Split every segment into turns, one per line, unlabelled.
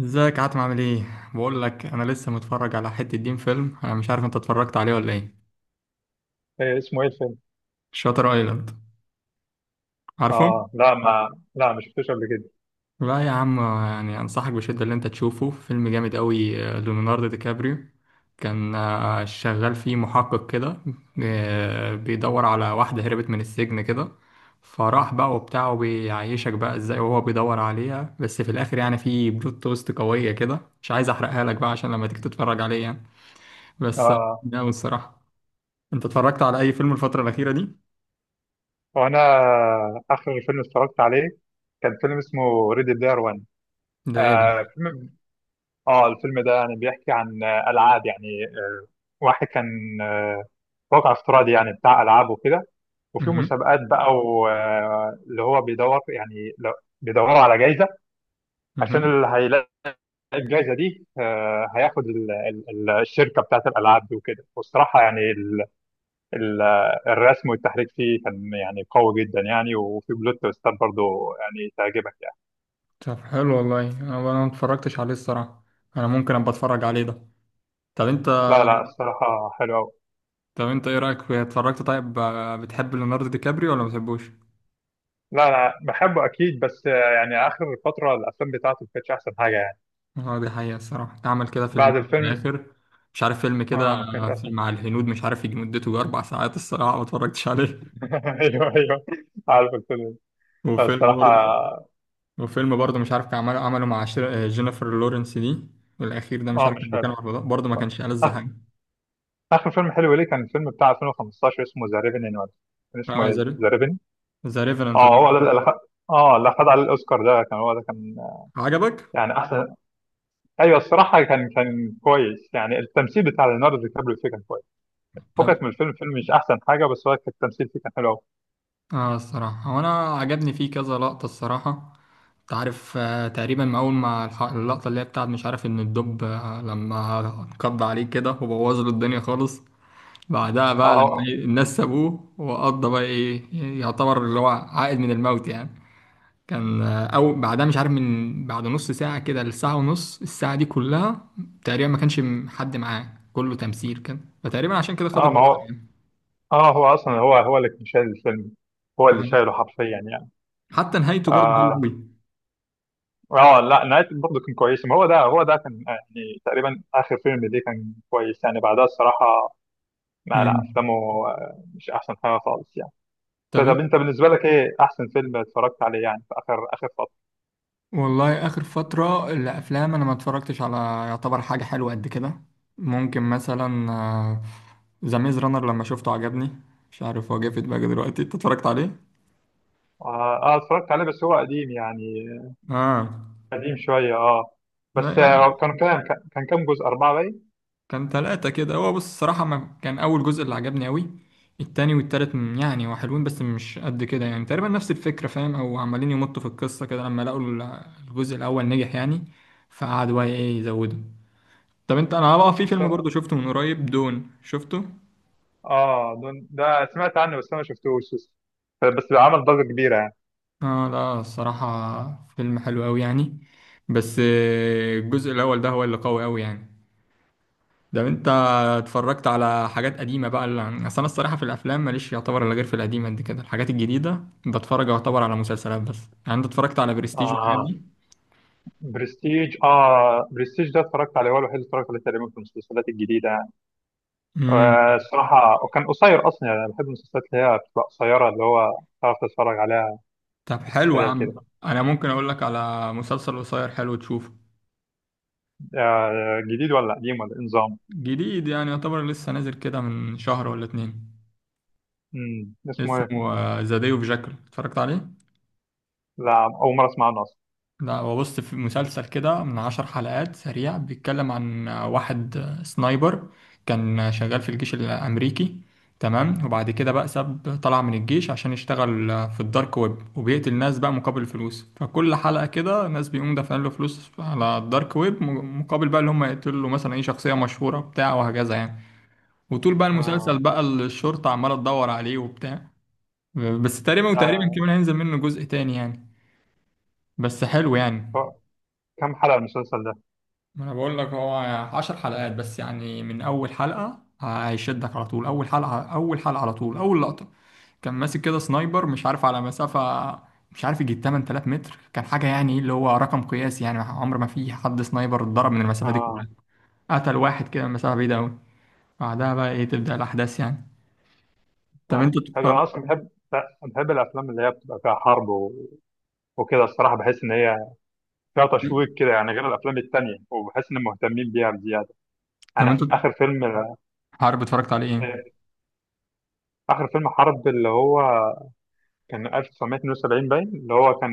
ازيك عاتم، عامل ايه؟ بقول لك انا لسه متفرج على حته دين فيلم، انا مش عارف انت اتفرجت عليه ولا ايه؟
إيه اسمه، ايه الفيلم؟
شاتر ايلاند، عارفه؟
اه، لا ما شفتوش قبل كده.
لا يا عم، يعني انصحك بشده اللي انت تشوفه، فيلم جامد قوي، ليوناردو دي كابريو كان شغال فيه محقق كده. بيدور على واحده هربت من السجن كده. فراح بقى وبتاع، وبيعيشك بقى ازاي وهو بيدور عليها، بس في الاخر يعني في بلوت توست قويه كده، مش عايز احرقها لك بقى عشان لما تيجي تتفرج عليه يعني. بس.
اه،
جامد الصراحه. انت اتفرجت على اي فيلم الفترة الأخيرة دي؟
وانا اخر فيلم اتفرجت عليه كان فيلم اسمه ريدي بلاير 1.
ده ايه
آه
دي؟
فيلم اه الفيلم ده يعني بيحكي عن العاب، يعني واحد كان، واقع افتراضي يعني بتاع العاب وكده. وفي
مهم.
مسابقات بقى اللي هو بيدور، يعني بيدوروا على جائزه، عشان
مهم.
اللي هيلاقي الجائزه دي هياخد الشركه بتاعت الالعاب دي وكده. والصراحه يعني ال- الرسم والتحريك فيه كان يعني قوي جدا يعني، وفي بلوت تويستات برضه يعني تعجبك يعني.
طب حلو والله، انا ما اتفرجتش عليه الصراحة. انا ممكن ابقى اتفرج عليه ده. طب انت.
لا، لا، الصراحة حلو أوي.
طب انت ايه رأيك في اتفرجت طيب، بتحب ليوناردو دي كابريو ولا ما بتحبوش؟
لا، لا، بحبه أكيد، بس يعني آخر فترة الأفلام بتاعته ما كانتش أحسن حاجة يعني.
اه دي حقيقة الصراحة، عمل كده فيلم
بعد
في
الفيلم
الآخر. مش عارف فيلم
آه
كده.
ما كانتش
فيلم
أحسن.
مع الهنود مش عارف، يجي مدته 4 ساعات، الصراحة ما اتفرجتش عليه.
أيوه، أيوه، عارف الفيلم ده.
وفيلم
الصراحة
برضه. وفيلم برضه مش عارف كان عمله مع جينيفر لورنس دي. الأخير ده مش
آه،
عارف
مش
كان
حلو.
بيتكلم عن الموضوع، برضه ما كانش ألذ
آخ-
حاجة.
آخر فيلم حلو ليه كان الفيلم بتاع 2015 اسمه ذا ريفني، ولا كان اسمه
اه زي.
إيه؟ ذا ريفني.
ذا ريفرنت ده.
هو ده اللي أخد، اللي أخد عليه الأوسكار، ده كان، هو ده كان،
عجبك؟
يعني أحسن. ايوه، الصراحه كان كويس يعني، التمثيل بتاع ليوناردو دي كابريو فيه كان كويس،
طب.
فكك من الفيلم مش احسن حاجه، بس هو كان التمثيل فيه كان حلو قوي.
اه الصراحة، هو انا عجبني فيه كذا لقطة الصراحة. انت عارف تقريبا ما اول ما اللقطة اللي هي بتاعت مش عارف ان الدب لما قضى عليه كده وبوظ له الدنيا خالص. بعدها بقى لما
اه،
الناس سابوه، وقضى بقى ايه، يعتبر اللي هو عائد من الموت يعني. كان او بعدها مش عارف، من بعد نص ساعة كده لساعة ونص، الساعة دي كلها تقريبا ما كانش حد معاه، كله تمثيل كان، فتقريبا عشان كده
اه،
خد
آه، ما
الأوسكار
هو،
يعني.
اه هو اصلا، هو اللي كان شايل الفيلم، هو اللي
آه.
شايله حرفيا يعني.
حتى نهايته برضه حلوه
اه،
قوي.
اه، آه، لا، نهايته برضه كان كويسه، ما هو ده كان، يعني تقريبا اخر فيلم ليه كان كويس يعني، بعدها الصراحه لا، لا،
مم.
افلامه مش احسن حاجه خالص يعني.
طب
طب
انت.
انت بالنسبه لك ايه احسن فيلم اتفرجت عليه يعني في اخر اخر فتره؟
والله اخر فتره الافلام انا ما اتفرجتش على. يعتبر حاجه حلوه قد كده. ممكن مثلا. ذا ميز رانر لما شفته عجبني. مش عارف، هو جه في دماغي دلوقتي، انت اتفرجت عليه؟
اه، اتفرجت عليه بس هو قديم يعني،
اه
قديم شوية اه.
لا
بس
يعني.
كانوا كام، كان كام جزء أربعة باين.
كان ثلاثة كده، هو بص الصراحة ما كان أول جزء اللي عجبني أوي. التاني والتالت يعني هو حلوين بس مش قد كده، يعني تقريبا نفس الفكرة، فاهم؟ أو عمالين يمطوا في القصة كده لما لقوا الجزء الأول نجح يعني. فقعدوا بقى إيه، يزودوا. طب انت. انا بقى في
بس-
فيلم برضه شفته من قريب، دون، شفته.
اه، ده سمعت عنه بس أنا ما شفتوش لسه. بس عمل ضجة كبيرة يعني.
اه لا، الصراحة فيلم حلو قوي يعني. بس الجزء الاول ده هو اللي قوي قوي يعني. ده انت اتفرجت على حاجات قديمة بقى، اصل انا الصراحة في الافلام ماليش يعتبر الا غير في القديمة قد كده، الحاجات الجديدة بتفرج يعتبر على مسلسلات بس. يعني انت اتفرجت على برستيج والحاجات
اه،
دي؟
برستيج. اه برستيج ده اتفرجت عليه، هو الوحيد اللي اتفرجت عليه تقريبا في المسلسلات الجديدة يعني.
امم.
الصراحة وكان قصير أصلا يعني، أنا بحب المسلسلات اللي هي بتبقى قصيرة، اللي هو تعرف تتفرج عليها
طب
في
حلو يا
السريع كده.
عم. انا ممكن اقول لك على مسلسل قصير حلو تشوفه.
جديد ولا قديم ولا إيه نظام؟
جديد، يعني يعتبر لسه نازل كده من شهر ولا اتنين.
اسمه إيه؟
اسمه ذا داي اوف جاكل، اتفرجت عليه؟
لا، أول مرة أسمع عنه أصلا.
لا، هو بص في مسلسل كده من 10 حلقات سريع، بيتكلم عن واحد سنايبر كان شغال في الجيش الأمريكي. تمام، وبعد كده بقى ساب طلع من الجيش عشان يشتغل في الدارك ويب، وبيقتل ناس بقى مقابل فلوس، فكل حلقة كده ناس بيقوم دافعين له فلوس على الدارك ويب مقابل بقى اللي هم يقتلوا له مثلا اي شخصية مشهورة بتاع، وهكذا يعني. وطول بقى المسلسل
آه.
بقى الشرطة عمالة تدور عليه وبتاع. بس تقريبا، وتقريبا كمان هينزل منه جزء تاني يعني. بس حلو يعني.
آه. كم حلقة المسلسل ده؟
ما انا بقول لك هو 10 حلقات بس، يعني من اول حلقة هيشدك على طول، اول حلقة اول حلقة، على طول اول لقطة. كان ماسك كده سنايبر، مش عارف على مسافة، مش عارف، يجي 8000 متر كان حاجة، يعني اللي هو رقم قياسي، يعني عمر ما في حد سنايبر اتضرب من المسافة دي كلها.
اه،
قتل واحد كده من مسافة بعيدة أوي. بعدها بقى إيه، تبدأ الأحداث يعني. طب
اه،
أنت
حلو. انا
اتفرجت،
اصلا بحب الافلام اللي هي بتبقى فيها حرب، و... وكده الصراحه بحس ان هي فيها تشويق كده يعني، غير الافلام التانية، وبحس ان مهتمين بيها بزياده.
طب أنت
انا اخر فيلم،
عارف اتفرجت عليه إيه؟
آه، اخر فيلم حرب اللي هو كان 1972 باين، اللي هو كان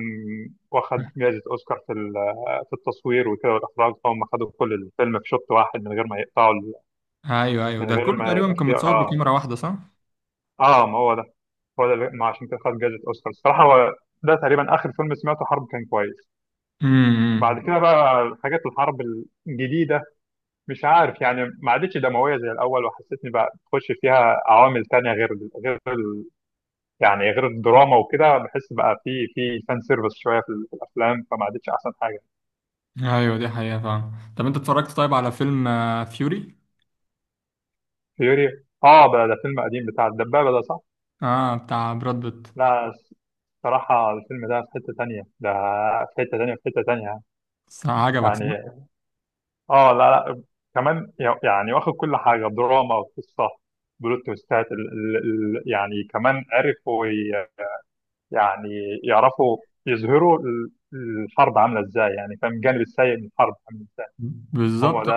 واخد جائزه اوسكار في التصوير وكده والاخراج، هم خدوا كل الفيلم في شوط واحد من غير ما يقطعوا ال-،
أيوه أيوه،
من
ده
غير
كله
ما
تقريبا
يبقى
كان
فيه.
متصور
اه
بكاميرا واحدة، صح؟
اه ما هو ده، ما عشان كده خد جائزه اوسكار الصراحه، هو ده تقريبا اخر فيلم سمعته حرب كان كويس. بعد
امم.
كده بقى حاجات الحرب الجديدة مش عارف يعني ما عادتش دموية زي الأول، وحسيتني بقى تخش فيها عوامل تانية، غير غير ال- يعني غير الدراما وكده، بحس بقى في فان سيرفيس شوية في الأفلام، فما عادتش أحسن حاجة.
ايوه دي حقيقة فعلا، طب انت اتفرجت طيب على فيلم فيوري.
فيوري. اه، بقى ده فيلم قديم بتاع الدبابة ده، صح؟
اه، Fury؟ بتاع براد بيت.
لا، الصراحة الفيلم ده في حتة تانية، ده في حتة تانية، في حتة تانية يعني،
صح، عجبك صح؟
يعني اه لا، لا، كمان يعني واخد كل حاجه، دراما وقصه، بلوت تويستات يعني كمان عرفوا يعني يعرفوا يظهروا الحرب عامله ازاي، يعني فاهم الجانب السيء من الحرب عامله ازاي. هو
بالظبط.
ده.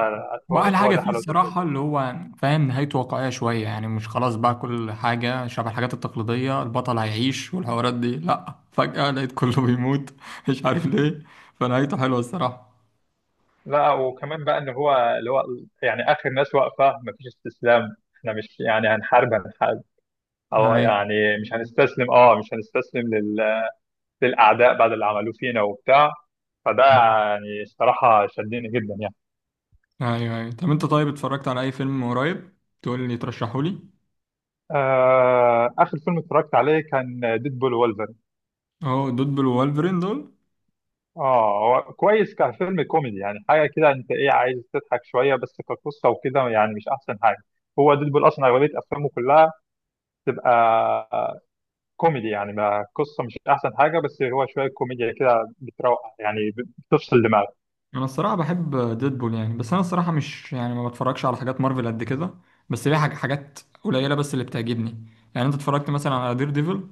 هو
واحلى
هو
حاجة
ده
فيه
حلاوه الفيلم.
الصراحة اللي هو فاهم، نهايته واقعية شوية، يعني مش خلاص بقى كل حاجة شبه الحاجات التقليدية، البطل هيعيش والحوارات دي، لا فجأة لقيت كله بيموت مش عارف ليه. فنهايته حلوة الصراحة.
لا، وكمان بقى ان هو اللي هو يعني اخر ناس واقفه مفيش استسلام، احنا مش يعني هنحارب، هنحارب، او
هاي.
يعني مش هنستسلم، مش هنستسلم للاعداء بعد اللي عملوه فينا وبتاع، فده يعني الصراحة شدني جدا يعني.
ايوه ايوه، طب انت طيب اتفرجت على اي فيلم قريب تقول لي ترشحه لي؟
آخر فيلم اتفرجت عليه كان ديد بول وولفرين.
اهو دول بالوالفرين دول.
اه، هو كويس كفيلم كوميدي يعني، حاجة كده انت ايه عايز تضحك شوية، بس كقصة وكده يعني مش أحسن حاجة. هو ديد بول أصلا أغلبية أفلامه كلها تبقى آه، كوميدي يعني، ما قصة مش أحسن حاجة، بس هو شوية كوميديا كده بتروق يعني، بتفصل دماغك.
انا الصراحه بحب ديدبول يعني، بس انا الصراحه مش، يعني ما بتفرجش على حاجات مارفل قد كده. بس ليها حاجات قليله بس اللي بتعجبني. يعني انت اتفرجت مثلا على دير ديفل؟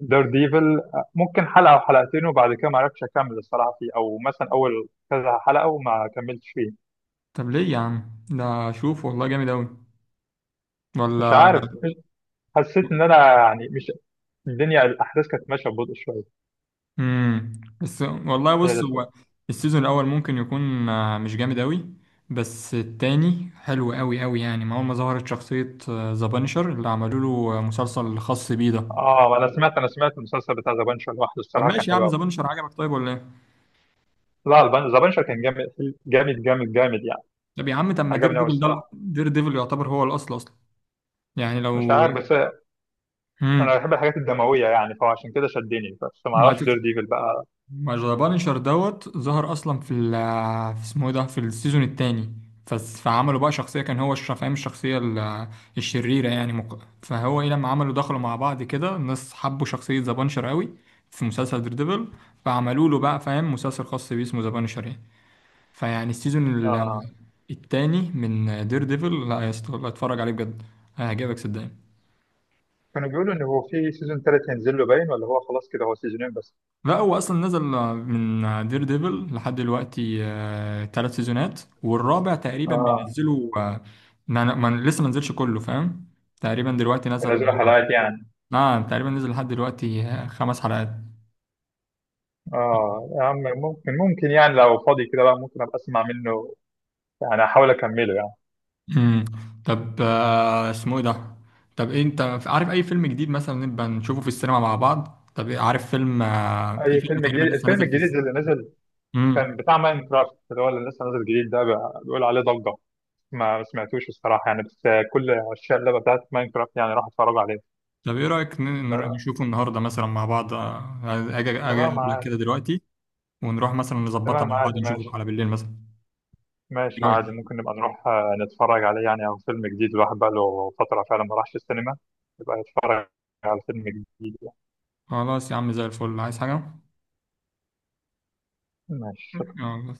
دير ديفل ممكن حلقة أو حلقتين، وبعد كده ما عرفتش أكمل الصراحة فيه، أو مثلا أول كذا حلقة وما كملتش فيه.
طب ليه يا عم؟ ده شوف والله جامد اوي.
مش
ولا؟
عارف، حسيت ان انا يعني مش، الدنيا الاحداث كانت ماشيه ببطء شويه،
بس والله
هي دي
بص،
الفكره.
هو السيزون الاول ممكن يكون مش جامد اوي. بس التاني حلو اوي اوي، يعني ما اول ما ظهرت شخصيه ذا بانشر اللي عملوا له مسلسل خاص بيه ده.
اه، انا سمعت المسلسل بتاع ذا بانشر لوحده
طب
الصراحه كان
ماشي يا
حلو
عم،
قوي.
ذا بانشر عجبك طيب ولا إيه؟
لا، ذا بانشر كان جامد، جامد، جامد، جامد يعني،
طب يا عم، طب ما دير
عجبني قوي
ديفل ده،
الصراحه،
دير ديفل يعتبر هو الاصل اصلا يعني
مش
لو.
عارف بس انا
امم.
بحب الحاجات الدمويه يعني، فعشان كده شدني، بس ما
ما
اعرفش دير
تك-
ديفل بقى.
ما ذا بانشر دوت ظهر اصلا في في اسمه إيه ده، في السيزون الثاني. فعملوا بقى شخصيه كان هو فاهم الشخصيه الشريره، يعني فهو ايه لما عملوا دخلوا مع بعض كده الناس حبوا شخصيه ذا بانشر قوي في مسلسل دير ديفل. فعملوا له بقى فاهم مسلسل خاص بيه اسمه ذا بانشر يعني. فيعني السيزون
آه.
الثاني من دير ديفل، لا يا اسطى والله اتفرج عليه بجد، هيعجبك صدقني.
كانوا بيقولوا ان هو في سيزون ثالث هينزل له باين ولا هو خلاص كده هو سيزونين بس؟
لا، هو اصلا نزل من دير ديفل لحد دلوقتي 3 سيزونات، والرابع تقريبا
اه،
بينزله. لسه ما نزلش كله فاهم. تقريبا دلوقتي نزل.
ينزلوا حلقات يعني.
نعم، تقريبا نزل لحد دلوقتي 5 حلقات.
اه يا عم، ممكن يعني لو فاضي كده بقى، ممكن ابقى اسمع منه، يعني احاول اكمله يعني.
امم. طب اسمه ايه ده؟ طب إيه، انت عارف اي فيلم جديد مثلا نبقى نشوفه في السينما مع بعض؟ طب إيه، عارف فيلم في
اي
فيلم
فيلم
تقريبا
جديد؟
لسه
الفيلم
نازل في
الجديد
السينما.
اللي نزل
امم.
كان بتاع ماين كرافت، اللي هو اللي لسه نازل جديد ده بيقول عليه ضجه، ما سمعتوش الصراحه يعني، بس كل عشاق اللعبه بتاعت ماين كرافت يعني راح اتفرجوا عليه.
طب ايه رايك
لا،
نشوفه النهارده مثلا مع بعض، اجي
تمام
اقابلك
عادي.
كده دلوقتي؟ ونروح مثلا نظبطها
تمام
مع بعض،
عادي،
نشوفه
ماشي،
على بالليل مثلا.
ماشي،
ايه رايك؟
عادي، ممكن نبقى نروح نتفرج عليه يعني، او فيلم جديد الواحد بقى له فتره فعلا ما راحش السينما، يبقى يتفرج على فيلم جديد يعني.
خلاص يا عم، زي الفل، عايز حاجه؟
ماشي
يلا.